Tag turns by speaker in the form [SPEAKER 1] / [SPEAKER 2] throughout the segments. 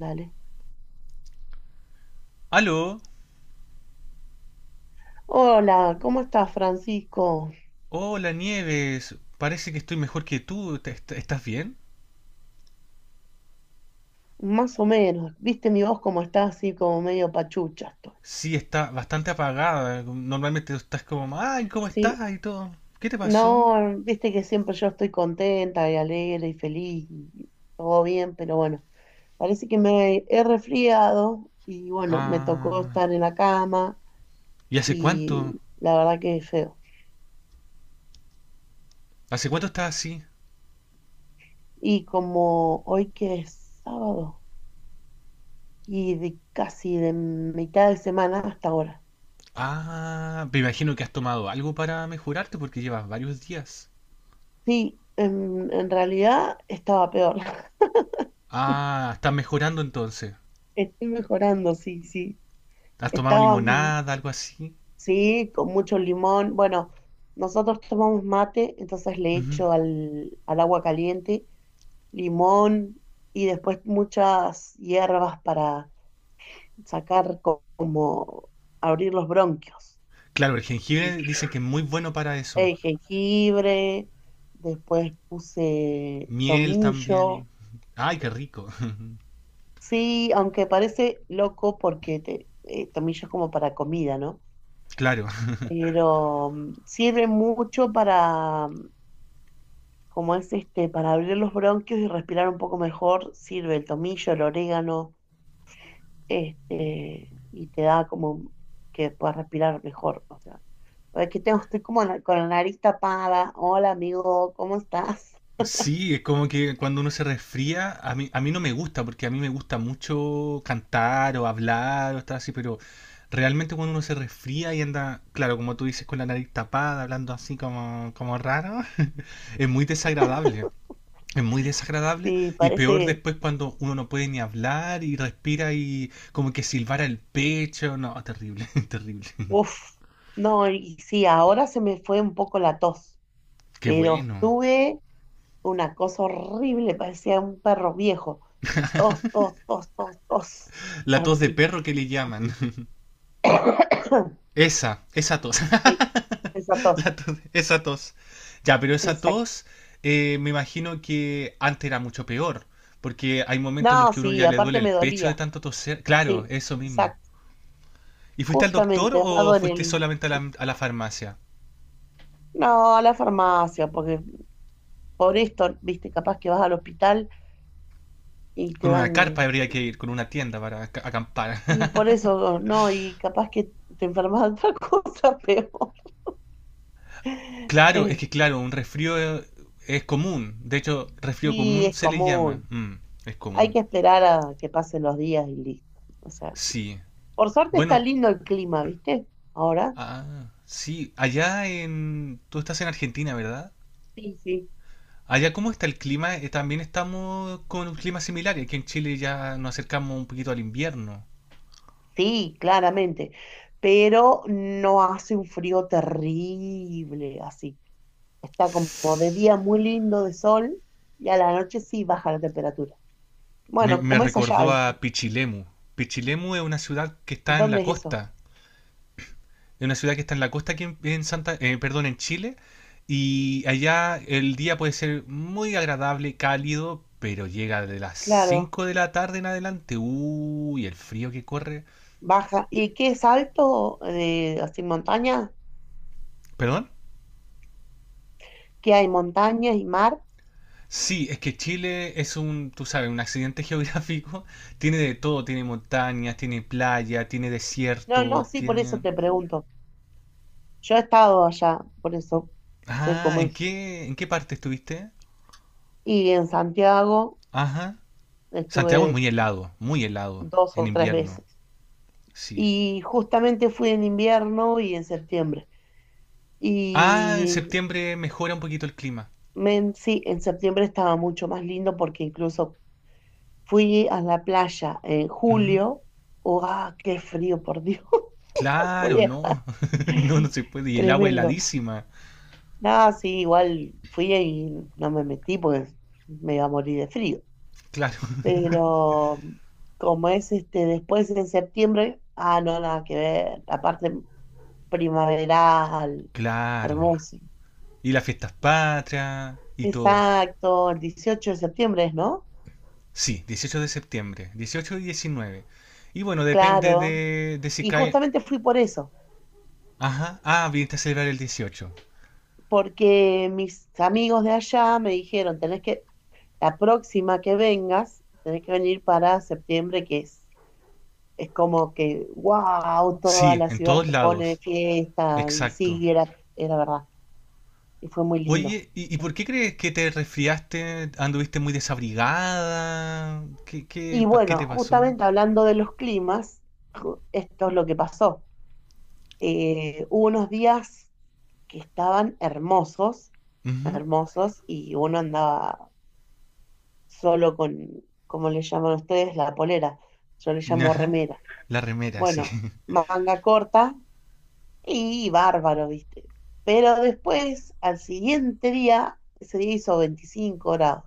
[SPEAKER 1] Dale.
[SPEAKER 2] Aló,
[SPEAKER 1] Hola, ¿cómo estás, Francisco?
[SPEAKER 2] hola Nieves, parece que estoy mejor que tú. ¿Estás bien?
[SPEAKER 1] Más o menos. ¿Viste mi voz como está así, como medio pachucha estoy?
[SPEAKER 2] Sí, está bastante apagada, normalmente estás como, ay, ¿cómo
[SPEAKER 1] Sí.
[SPEAKER 2] estás? Y todo. ¿Qué te pasó?
[SPEAKER 1] No, viste que siempre yo estoy contenta y alegre y feliz y todo bien, pero bueno, parece que me he resfriado y bueno, me tocó
[SPEAKER 2] Ah,
[SPEAKER 1] estar en la cama
[SPEAKER 2] ¿y hace cuánto?
[SPEAKER 1] y la verdad que es feo.
[SPEAKER 2] ¿Hace cuánto estás así?
[SPEAKER 1] Y como hoy que es sábado y de casi de mitad de semana hasta ahora.
[SPEAKER 2] Ah, me imagino que has tomado algo para mejorarte porque llevas varios días.
[SPEAKER 1] Sí, en realidad estaba peor.
[SPEAKER 2] Ah, estás mejorando entonces.
[SPEAKER 1] Estoy mejorando, sí, sí.
[SPEAKER 2] ¿Has tomado
[SPEAKER 1] Estaba,
[SPEAKER 2] limonada, algo así?
[SPEAKER 1] sí, con mucho limón. Bueno, nosotros tomamos mate, entonces le
[SPEAKER 2] Ujú.
[SPEAKER 1] echo al agua caliente limón y después muchas hierbas para sacar como abrir los bronquios,
[SPEAKER 2] Claro, el
[SPEAKER 1] ¿viste?
[SPEAKER 2] jengibre dicen que es muy bueno para eso.
[SPEAKER 1] Jengibre, después puse
[SPEAKER 2] Miel también.
[SPEAKER 1] tomillo.
[SPEAKER 2] Ay, qué rico.
[SPEAKER 1] Sí, aunque parece loco porque tomillo es como para comida, ¿no?
[SPEAKER 2] Claro.
[SPEAKER 1] Pero sirve mucho para, como es este, para abrir los bronquios y respirar un poco mejor, sirve el tomillo, el orégano, este, y te da como que puedas respirar mejor. O sea, es que tengo, estoy como con la nariz tapada. Hola, amigo, ¿cómo estás?
[SPEAKER 2] Sí, es como que cuando uno se resfría, a mí no me gusta, porque a mí me gusta mucho cantar o hablar o estar así, pero realmente cuando uno se resfría y anda, claro, como tú dices, con la nariz tapada, hablando así como, como raro, es muy desagradable. Es muy desagradable
[SPEAKER 1] Sí,
[SPEAKER 2] y peor
[SPEAKER 1] parece,
[SPEAKER 2] después cuando uno no puede ni hablar y respira y como que silbara el pecho. No, terrible, terrible.
[SPEAKER 1] uff, no, y sí, ahora se me fue un poco la tos,
[SPEAKER 2] Qué
[SPEAKER 1] pero
[SPEAKER 2] bueno.
[SPEAKER 1] estuve. Una cosa horrible, parecía un perro viejo. Tos, tos, tos, tos, tos.
[SPEAKER 2] La tos de
[SPEAKER 1] Así.
[SPEAKER 2] perro que le llaman. Esa tos.
[SPEAKER 1] Sí, esa tos.
[SPEAKER 2] La tos- esa tos. Ya, pero esa
[SPEAKER 1] Exacto.
[SPEAKER 2] tos me imagino que antes era mucho peor, porque hay momentos en los
[SPEAKER 1] No,
[SPEAKER 2] que uno
[SPEAKER 1] sí,
[SPEAKER 2] ya le duele
[SPEAKER 1] aparte me
[SPEAKER 2] el pecho de
[SPEAKER 1] dolía.
[SPEAKER 2] tanto toser. Claro,
[SPEAKER 1] Sí,
[SPEAKER 2] eso mismo.
[SPEAKER 1] exacto.
[SPEAKER 2] ¿Y fuiste al doctor
[SPEAKER 1] Justamente, has
[SPEAKER 2] o
[SPEAKER 1] dado en
[SPEAKER 2] fuiste
[SPEAKER 1] el...
[SPEAKER 2] solamente a la farmacia?
[SPEAKER 1] No, a la farmacia, porque por esto, viste, capaz que vas al hospital y te
[SPEAKER 2] Con una carpa
[SPEAKER 1] dan...
[SPEAKER 2] habría que ir, con una tienda para acampar.
[SPEAKER 1] Y por eso, no, y capaz que te enfermas de otra cosa peor.
[SPEAKER 2] Claro, es que
[SPEAKER 1] Este,
[SPEAKER 2] claro, un resfrío es común. De hecho, resfrío
[SPEAKER 1] y
[SPEAKER 2] común
[SPEAKER 1] es
[SPEAKER 2] se le llama.
[SPEAKER 1] común.
[SPEAKER 2] Mm, es
[SPEAKER 1] Hay
[SPEAKER 2] común.
[SPEAKER 1] que esperar a que pasen los días y listo. O sea,
[SPEAKER 2] Sí.
[SPEAKER 1] por suerte está
[SPEAKER 2] Bueno,
[SPEAKER 1] lindo el clima, ¿viste? Ahora.
[SPEAKER 2] ah, sí, allá en... Tú estás en Argentina, ¿verdad?
[SPEAKER 1] Sí, sí.
[SPEAKER 2] Allá, ¿cómo está el clima? También estamos con un clima similar. Aquí en Chile ya nos acercamos un poquito al invierno.
[SPEAKER 1] Sí, claramente. Pero no hace un frío terrible así. Está como de día muy lindo de sol y a la noche sí baja la temperatura.
[SPEAKER 2] Me,
[SPEAKER 1] Bueno,
[SPEAKER 2] me
[SPEAKER 1] como es allá,
[SPEAKER 2] recordó
[SPEAKER 1] ¿viste?
[SPEAKER 2] a Pichilemu. Pichilemu es una ciudad que está en la
[SPEAKER 1] ¿Dónde es eso?
[SPEAKER 2] costa. Es una ciudad que está en la costa aquí en Santa, perdón, en Chile. Y allá el día puede ser muy agradable, cálido, pero llega de las
[SPEAKER 1] Claro,
[SPEAKER 2] 5 de la tarde en adelante. Uy, el frío que corre.
[SPEAKER 1] baja. ¿Y qué es alto? Así montaña.
[SPEAKER 2] ¿Perdón?
[SPEAKER 1] ¿Qué hay? ¿Montañas y mar?
[SPEAKER 2] Sí, es que Chile es un, tú sabes, un accidente geográfico. Tiene de todo, tiene montañas, tiene playa, tiene
[SPEAKER 1] No, no,
[SPEAKER 2] desierto,
[SPEAKER 1] sí, por eso
[SPEAKER 2] tiene...
[SPEAKER 1] te pregunto. Yo he estado allá, por eso sé
[SPEAKER 2] Ah,
[SPEAKER 1] cómo
[SPEAKER 2] ¿en
[SPEAKER 1] es.
[SPEAKER 2] qué, en qué parte estuviste?
[SPEAKER 1] Y en Santiago
[SPEAKER 2] Ajá. Santiago es
[SPEAKER 1] estuve
[SPEAKER 2] muy helado,
[SPEAKER 1] dos
[SPEAKER 2] en
[SPEAKER 1] o tres
[SPEAKER 2] invierno,
[SPEAKER 1] veces.
[SPEAKER 2] sí.
[SPEAKER 1] Y justamente fui en invierno y en septiembre.
[SPEAKER 2] Ah, en
[SPEAKER 1] Y
[SPEAKER 2] septiembre mejora un poquito el clima.
[SPEAKER 1] sí, en septiembre estaba mucho más lindo porque incluso fui a la playa en
[SPEAKER 2] Ujú.
[SPEAKER 1] julio. ¡Oh, ah, qué frío, por Dios! Voy
[SPEAKER 2] Claro,
[SPEAKER 1] a-
[SPEAKER 2] no, no, no se puede. Y el agua
[SPEAKER 1] Tremendo.
[SPEAKER 2] heladísima,
[SPEAKER 1] Nada, sí, igual fui y no me metí porque me iba a morir de frío.
[SPEAKER 2] claro,
[SPEAKER 1] Pero como es este después en septiembre, ah, no, nada que ver, la parte primaveral,
[SPEAKER 2] claro.
[SPEAKER 1] hermoso.
[SPEAKER 2] Y las fiestas patrias y todo.
[SPEAKER 1] Exacto, el 18 de septiembre es, ¿no?
[SPEAKER 2] Sí, 18 de septiembre, 18 y 19. Y bueno, depende
[SPEAKER 1] Claro,
[SPEAKER 2] de si
[SPEAKER 1] y
[SPEAKER 2] cae...
[SPEAKER 1] justamente fui por eso,
[SPEAKER 2] Ajá, ah, viniste a celebrar el 18.
[SPEAKER 1] porque mis amigos de allá me dijeron, tenés que, la próxima que vengas, tenés que venir para septiembre, que es como que, wow, toda
[SPEAKER 2] Sí,
[SPEAKER 1] la
[SPEAKER 2] en
[SPEAKER 1] ciudad
[SPEAKER 2] todos
[SPEAKER 1] se pone de
[SPEAKER 2] lados,
[SPEAKER 1] fiesta, y
[SPEAKER 2] exacto.
[SPEAKER 1] sí, era verdad, y fue muy lindo.
[SPEAKER 2] Oye, ¿y por qué crees que te resfriaste? ¿Anduviste muy desabrigada?
[SPEAKER 1] Y
[SPEAKER 2] ¿Qué
[SPEAKER 1] bueno,
[SPEAKER 2] te pasó?
[SPEAKER 1] justamente hablando de los climas, esto es lo que pasó. Hubo unos días que estaban hermosos,
[SPEAKER 2] Ujú.
[SPEAKER 1] hermosos, y uno andaba solo con, ¿cómo le llaman ustedes? La polera. Yo le llamo
[SPEAKER 2] Ajá,
[SPEAKER 1] remera.
[SPEAKER 2] la remera, sí.
[SPEAKER 1] Bueno, manga corta y bárbaro, ¿viste? Pero después, al siguiente día, ese día hizo 25 grados.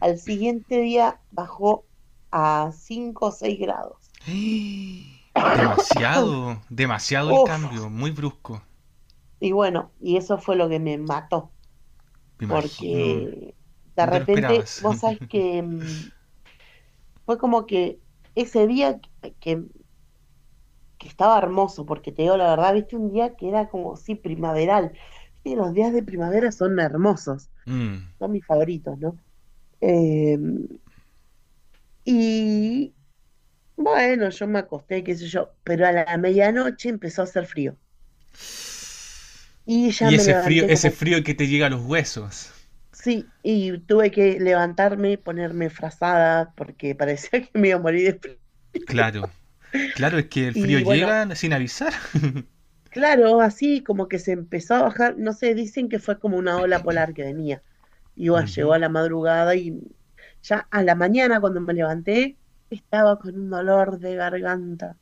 [SPEAKER 1] Al siguiente día bajó a 5 o 6 grados.
[SPEAKER 2] Demasiado, demasiado el
[SPEAKER 1] Uf,
[SPEAKER 2] cambio, muy brusco.
[SPEAKER 1] y bueno, y eso fue lo que me mató,
[SPEAKER 2] Me imagino,
[SPEAKER 1] porque de
[SPEAKER 2] no te lo
[SPEAKER 1] repente,
[SPEAKER 2] esperabas.
[SPEAKER 1] vos sabés que fue como que ese día que estaba hermoso, porque te digo la verdad, viste un día que era como, sí, primaveral. Viste, los días de primavera son hermosos,
[SPEAKER 2] Mm.
[SPEAKER 1] son mis favoritos, ¿no? Eh, y bueno, yo me acosté, qué sé yo, pero a la medianoche empezó a hacer frío. Y ya
[SPEAKER 2] Y
[SPEAKER 1] me levanté
[SPEAKER 2] ese
[SPEAKER 1] como.
[SPEAKER 2] frío que te llega a los huesos.
[SPEAKER 1] Sí, y tuve que levantarme, ponerme frazada, porque parecía que me iba a morir de frío.
[SPEAKER 2] Claro. Claro, es que el frío
[SPEAKER 1] Y bueno,
[SPEAKER 2] llega sin avisar.
[SPEAKER 1] claro, así como que se empezó a bajar, no sé, dicen que fue como una ola polar que venía. Y bueno, llegó
[SPEAKER 2] Ujú.
[SPEAKER 1] a la madrugada y ya a la mañana cuando me levanté, estaba con un dolor de garganta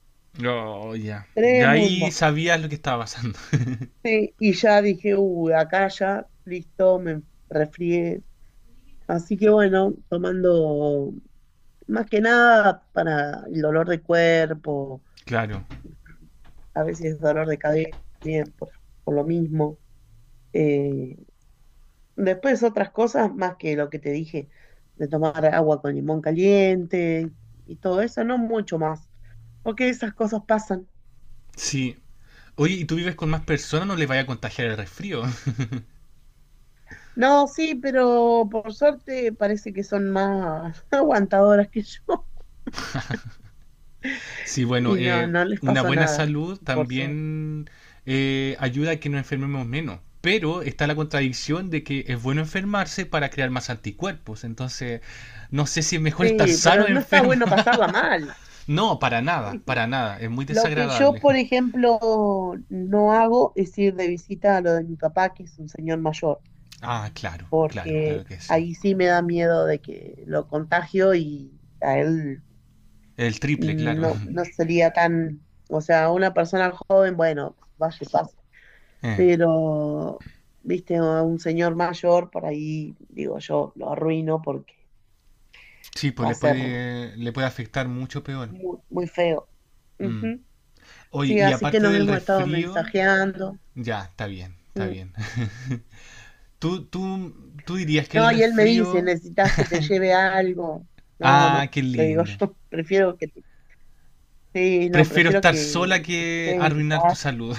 [SPEAKER 2] Oh, ya. Ya ahí
[SPEAKER 1] tremendo.
[SPEAKER 2] sabías lo que estaba pasando.
[SPEAKER 1] Sí, y ya dije, uy, acá ya, listo, me resfrié. Así que bueno, tomando más que nada para el dolor de cuerpo,
[SPEAKER 2] Claro.
[SPEAKER 1] a veces dolor de cabeza, bien, por lo mismo. Eh, después otras cosas más que lo que te dije, de tomar agua con limón caliente y todo eso, no mucho más, porque esas cosas pasan.
[SPEAKER 2] Sí. Oye, ¿y tú vives con más personas? No les vaya a contagiar el resfrío.
[SPEAKER 1] No, sí, pero por suerte parece que son más aguantadoras que yo
[SPEAKER 2] Sí, bueno,
[SPEAKER 1] y no, no les
[SPEAKER 2] una
[SPEAKER 1] pasó
[SPEAKER 2] buena
[SPEAKER 1] nada,
[SPEAKER 2] salud
[SPEAKER 1] por suerte.
[SPEAKER 2] también ayuda a que nos enfermemos menos. Pero está la contradicción de que es bueno enfermarse para crear más anticuerpos. Entonces, no sé si es mejor estar
[SPEAKER 1] Sí,
[SPEAKER 2] sano
[SPEAKER 1] pero
[SPEAKER 2] o
[SPEAKER 1] no está
[SPEAKER 2] enfermo.
[SPEAKER 1] bueno pasarla mal.
[SPEAKER 2] No, para nada,
[SPEAKER 1] Sí.
[SPEAKER 2] para nada. Es muy
[SPEAKER 1] Lo que yo,
[SPEAKER 2] desagradable.
[SPEAKER 1] por ejemplo, no hago es ir de visita a lo de mi papá, que es un señor mayor,
[SPEAKER 2] Ah, claro, claro,
[SPEAKER 1] que
[SPEAKER 2] claro que sí.
[SPEAKER 1] ahí sí me da miedo de que lo contagio y a él
[SPEAKER 2] El triple, claro.
[SPEAKER 1] no, no sería tan, o sea, una persona joven, bueno, vaya y pase,
[SPEAKER 2] Eh,
[SPEAKER 1] pero, viste, a un señor mayor, por ahí, digo, yo lo arruino porque
[SPEAKER 2] sí, pues
[SPEAKER 1] va a ser
[SPEAKER 2] le puede afectar mucho peor.
[SPEAKER 1] muy, muy feo.
[SPEAKER 2] Mm.
[SPEAKER 1] Ujú.
[SPEAKER 2] Oye,
[SPEAKER 1] Sí,
[SPEAKER 2] y
[SPEAKER 1] así que
[SPEAKER 2] aparte
[SPEAKER 1] nos
[SPEAKER 2] del
[SPEAKER 1] hemos estado
[SPEAKER 2] resfrío,
[SPEAKER 1] mensajeando.
[SPEAKER 2] ya, está bien, está
[SPEAKER 1] Mm.
[SPEAKER 2] bien. ¿Tú dirías que el
[SPEAKER 1] No, y él me dice,
[SPEAKER 2] resfrío...
[SPEAKER 1] necesitas que te lleve algo. No, no,
[SPEAKER 2] Ah, qué
[SPEAKER 1] le digo
[SPEAKER 2] lindo.
[SPEAKER 1] yo, prefiero que te- Sí, no,
[SPEAKER 2] Prefiero
[SPEAKER 1] prefiero
[SPEAKER 2] estar
[SPEAKER 1] que,
[SPEAKER 2] sola
[SPEAKER 1] que te
[SPEAKER 2] que
[SPEAKER 1] quedes en tu
[SPEAKER 2] arruinar tu
[SPEAKER 1] casa.
[SPEAKER 2] salud.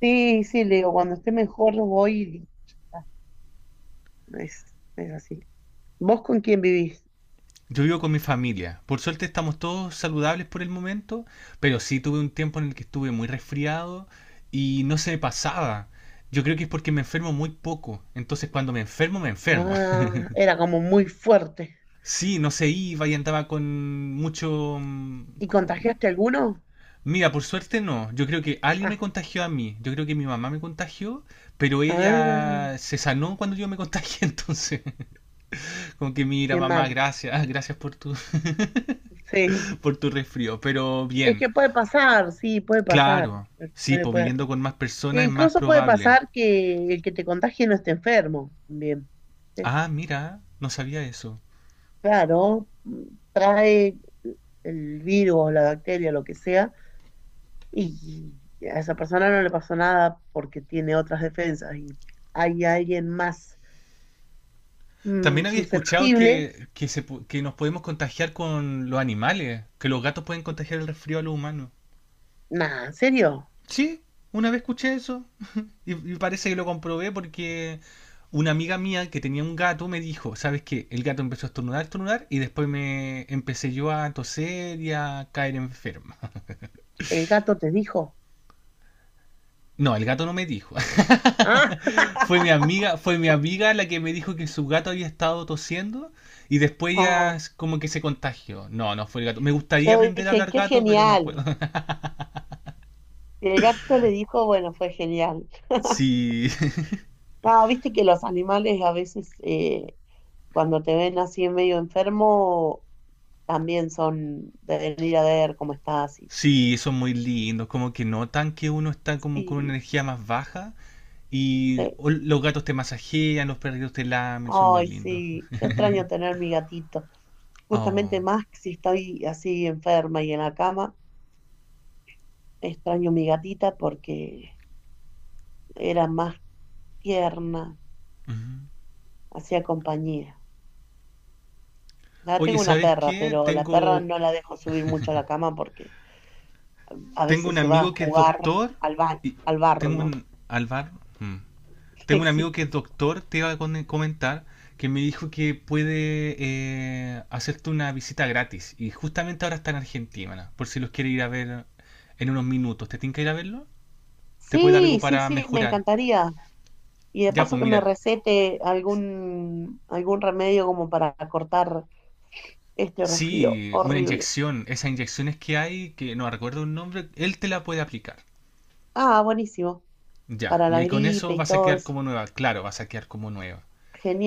[SPEAKER 1] Sí, sí, le digo, cuando esté mejor voy. Y ya está. Es así. ¿Vos con quién vivís?
[SPEAKER 2] Yo vivo con mi familia. Por suerte estamos todos saludables por el momento, pero sí tuve un tiempo en el que estuve muy resfriado y no se me pasaba. Yo creo que es porque me enfermo muy poco. Entonces cuando me enfermo, me enfermo.
[SPEAKER 1] Ah, era como muy fuerte.
[SPEAKER 2] Sí, no se iba y andaba con mucho... mm,
[SPEAKER 1] ¿Y
[SPEAKER 2] ¿Cómo?
[SPEAKER 1] contagiaste alguno?
[SPEAKER 2] Mira, por suerte no. Yo creo que alguien
[SPEAKER 1] Ah,
[SPEAKER 2] me contagió a mí. Yo creo que mi mamá me contagió, pero
[SPEAKER 1] ah,
[SPEAKER 2] ella se sanó cuando yo me contagié. Entonces, como que mira,
[SPEAKER 1] qué
[SPEAKER 2] mamá,
[SPEAKER 1] mal.
[SPEAKER 2] gracias, gracias por tu,
[SPEAKER 1] Sí.
[SPEAKER 2] por tu resfrío. Pero
[SPEAKER 1] Es
[SPEAKER 2] bien,
[SPEAKER 1] que puede pasar, sí, puede pasar.
[SPEAKER 2] claro, sí,
[SPEAKER 1] Puede,
[SPEAKER 2] pues
[SPEAKER 1] puede.
[SPEAKER 2] viviendo con más
[SPEAKER 1] E
[SPEAKER 2] personas es más
[SPEAKER 1] incluso puede
[SPEAKER 2] probable.
[SPEAKER 1] pasar que el que te contagie no esté enfermo también.
[SPEAKER 2] Ah, mira, no sabía eso.
[SPEAKER 1] Claro, trae el virus, la bacteria, lo que sea, y a esa persona no le pasó nada porque tiene otras defensas y hay alguien más
[SPEAKER 2] También había escuchado
[SPEAKER 1] susceptible.
[SPEAKER 2] se que nos podemos contagiar con los animales, que los gatos pueden contagiar el resfrío a los humanos.
[SPEAKER 1] Nada, ¿en serio?
[SPEAKER 2] Sí, una vez escuché eso y parece que lo comprobé porque una amiga mía que tenía un gato me dijo, ¿sabes qué? El gato empezó a estornudar, estornudar y después me empecé yo a toser y a caer enferma.
[SPEAKER 1] ¿El gato te dijo?
[SPEAKER 2] No, el gato no me dijo.
[SPEAKER 1] Ah,
[SPEAKER 2] Fue mi amiga, fue mi amiga la que me dijo que su gato había estado tosiendo y después ya
[SPEAKER 1] ah,
[SPEAKER 2] como que se contagió. No, no fue el gato. Me gustaría
[SPEAKER 1] yo
[SPEAKER 2] aprender a
[SPEAKER 1] dije,
[SPEAKER 2] hablar
[SPEAKER 1] qué
[SPEAKER 2] gato, pero no
[SPEAKER 1] genial.
[SPEAKER 2] puedo.
[SPEAKER 1] Y el gato le dijo, bueno, fue genial.
[SPEAKER 2] Sí,
[SPEAKER 1] No, viste que los animales a veces cuando te ven así medio enfermo, también son de venir a ver cómo estás y cosas.
[SPEAKER 2] sí, son muy lindos. Como que notan que uno está como con una energía más baja y
[SPEAKER 1] Sí.
[SPEAKER 2] los gatos te masajean, los perritos te lamen, son muy
[SPEAKER 1] Ay,
[SPEAKER 2] lindos.
[SPEAKER 1] sí, yo extraño tener mi gatito. Justamente
[SPEAKER 2] Oh.
[SPEAKER 1] más que si estoy así enferma y en la cama, extraño mi gatita porque era más tierna,
[SPEAKER 2] Ujú.
[SPEAKER 1] hacía compañía. Ahora
[SPEAKER 2] Oye,
[SPEAKER 1] tengo una
[SPEAKER 2] ¿sabes
[SPEAKER 1] perra,
[SPEAKER 2] qué?
[SPEAKER 1] pero la perra no la dejo subir mucho a la cama porque a
[SPEAKER 2] Tengo un
[SPEAKER 1] veces se va a
[SPEAKER 2] amigo que es
[SPEAKER 1] jugar
[SPEAKER 2] doctor
[SPEAKER 1] al ba-
[SPEAKER 2] y
[SPEAKER 1] al barro,
[SPEAKER 2] tengo
[SPEAKER 1] ¿no?
[SPEAKER 2] un Alvar. Mm. Tengo un amigo
[SPEAKER 1] Sí.
[SPEAKER 2] que es doctor, te iba a comentar, que me dijo que puede hacerte una visita gratis. Y justamente ahora está en Argentina, por si los quiere ir a ver en unos minutos. ¿Te tiene que ir a verlo? ¿Te puede dar algo
[SPEAKER 1] Sí, sí,
[SPEAKER 2] para
[SPEAKER 1] sí, me
[SPEAKER 2] mejorar?
[SPEAKER 1] encantaría. Y de
[SPEAKER 2] Ya,
[SPEAKER 1] paso
[SPEAKER 2] pues
[SPEAKER 1] que me
[SPEAKER 2] mira,
[SPEAKER 1] recete algún remedio como para cortar este resfrío
[SPEAKER 2] sí, una
[SPEAKER 1] horrible.
[SPEAKER 2] inyección. Esas inyecciones que hay, que no recuerdo un nombre, él te la puede aplicar.
[SPEAKER 1] Ah, buenísimo.
[SPEAKER 2] Ya,
[SPEAKER 1] Para
[SPEAKER 2] y
[SPEAKER 1] la
[SPEAKER 2] ahí con
[SPEAKER 1] gripe
[SPEAKER 2] eso
[SPEAKER 1] y
[SPEAKER 2] vas a
[SPEAKER 1] todo
[SPEAKER 2] quedar
[SPEAKER 1] eso.
[SPEAKER 2] como nueva. Claro, vas a quedar como nueva.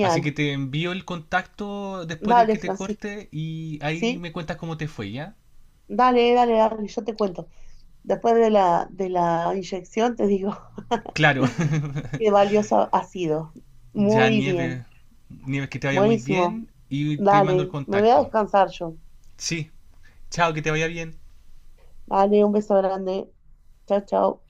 [SPEAKER 2] Así que te envío el contacto después de
[SPEAKER 1] Dale,
[SPEAKER 2] que te
[SPEAKER 1] Francisco.
[SPEAKER 2] corte y ahí
[SPEAKER 1] ¿Sí?
[SPEAKER 2] me cuentas cómo te fue, ¿ya?
[SPEAKER 1] Dale, dale, dale, yo te cuento. Después de la inyección te digo
[SPEAKER 2] Claro,
[SPEAKER 1] qué valioso ha sido.
[SPEAKER 2] ya
[SPEAKER 1] Muy
[SPEAKER 2] nieve.
[SPEAKER 1] bien.
[SPEAKER 2] Nieves, que te vaya muy
[SPEAKER 1] Buenísimo.
[SPEAKER 2] bien y te mando el
[SPEAKER 1] Dale, me voy a
[SPEAKER 2] contacto.
[SPEAKER 1] descansar yo.
[SPEAKER 2] Sí, chao, que te vaya bien.
[SPEAKER 1] Dale, un beso grande. Chao, chao.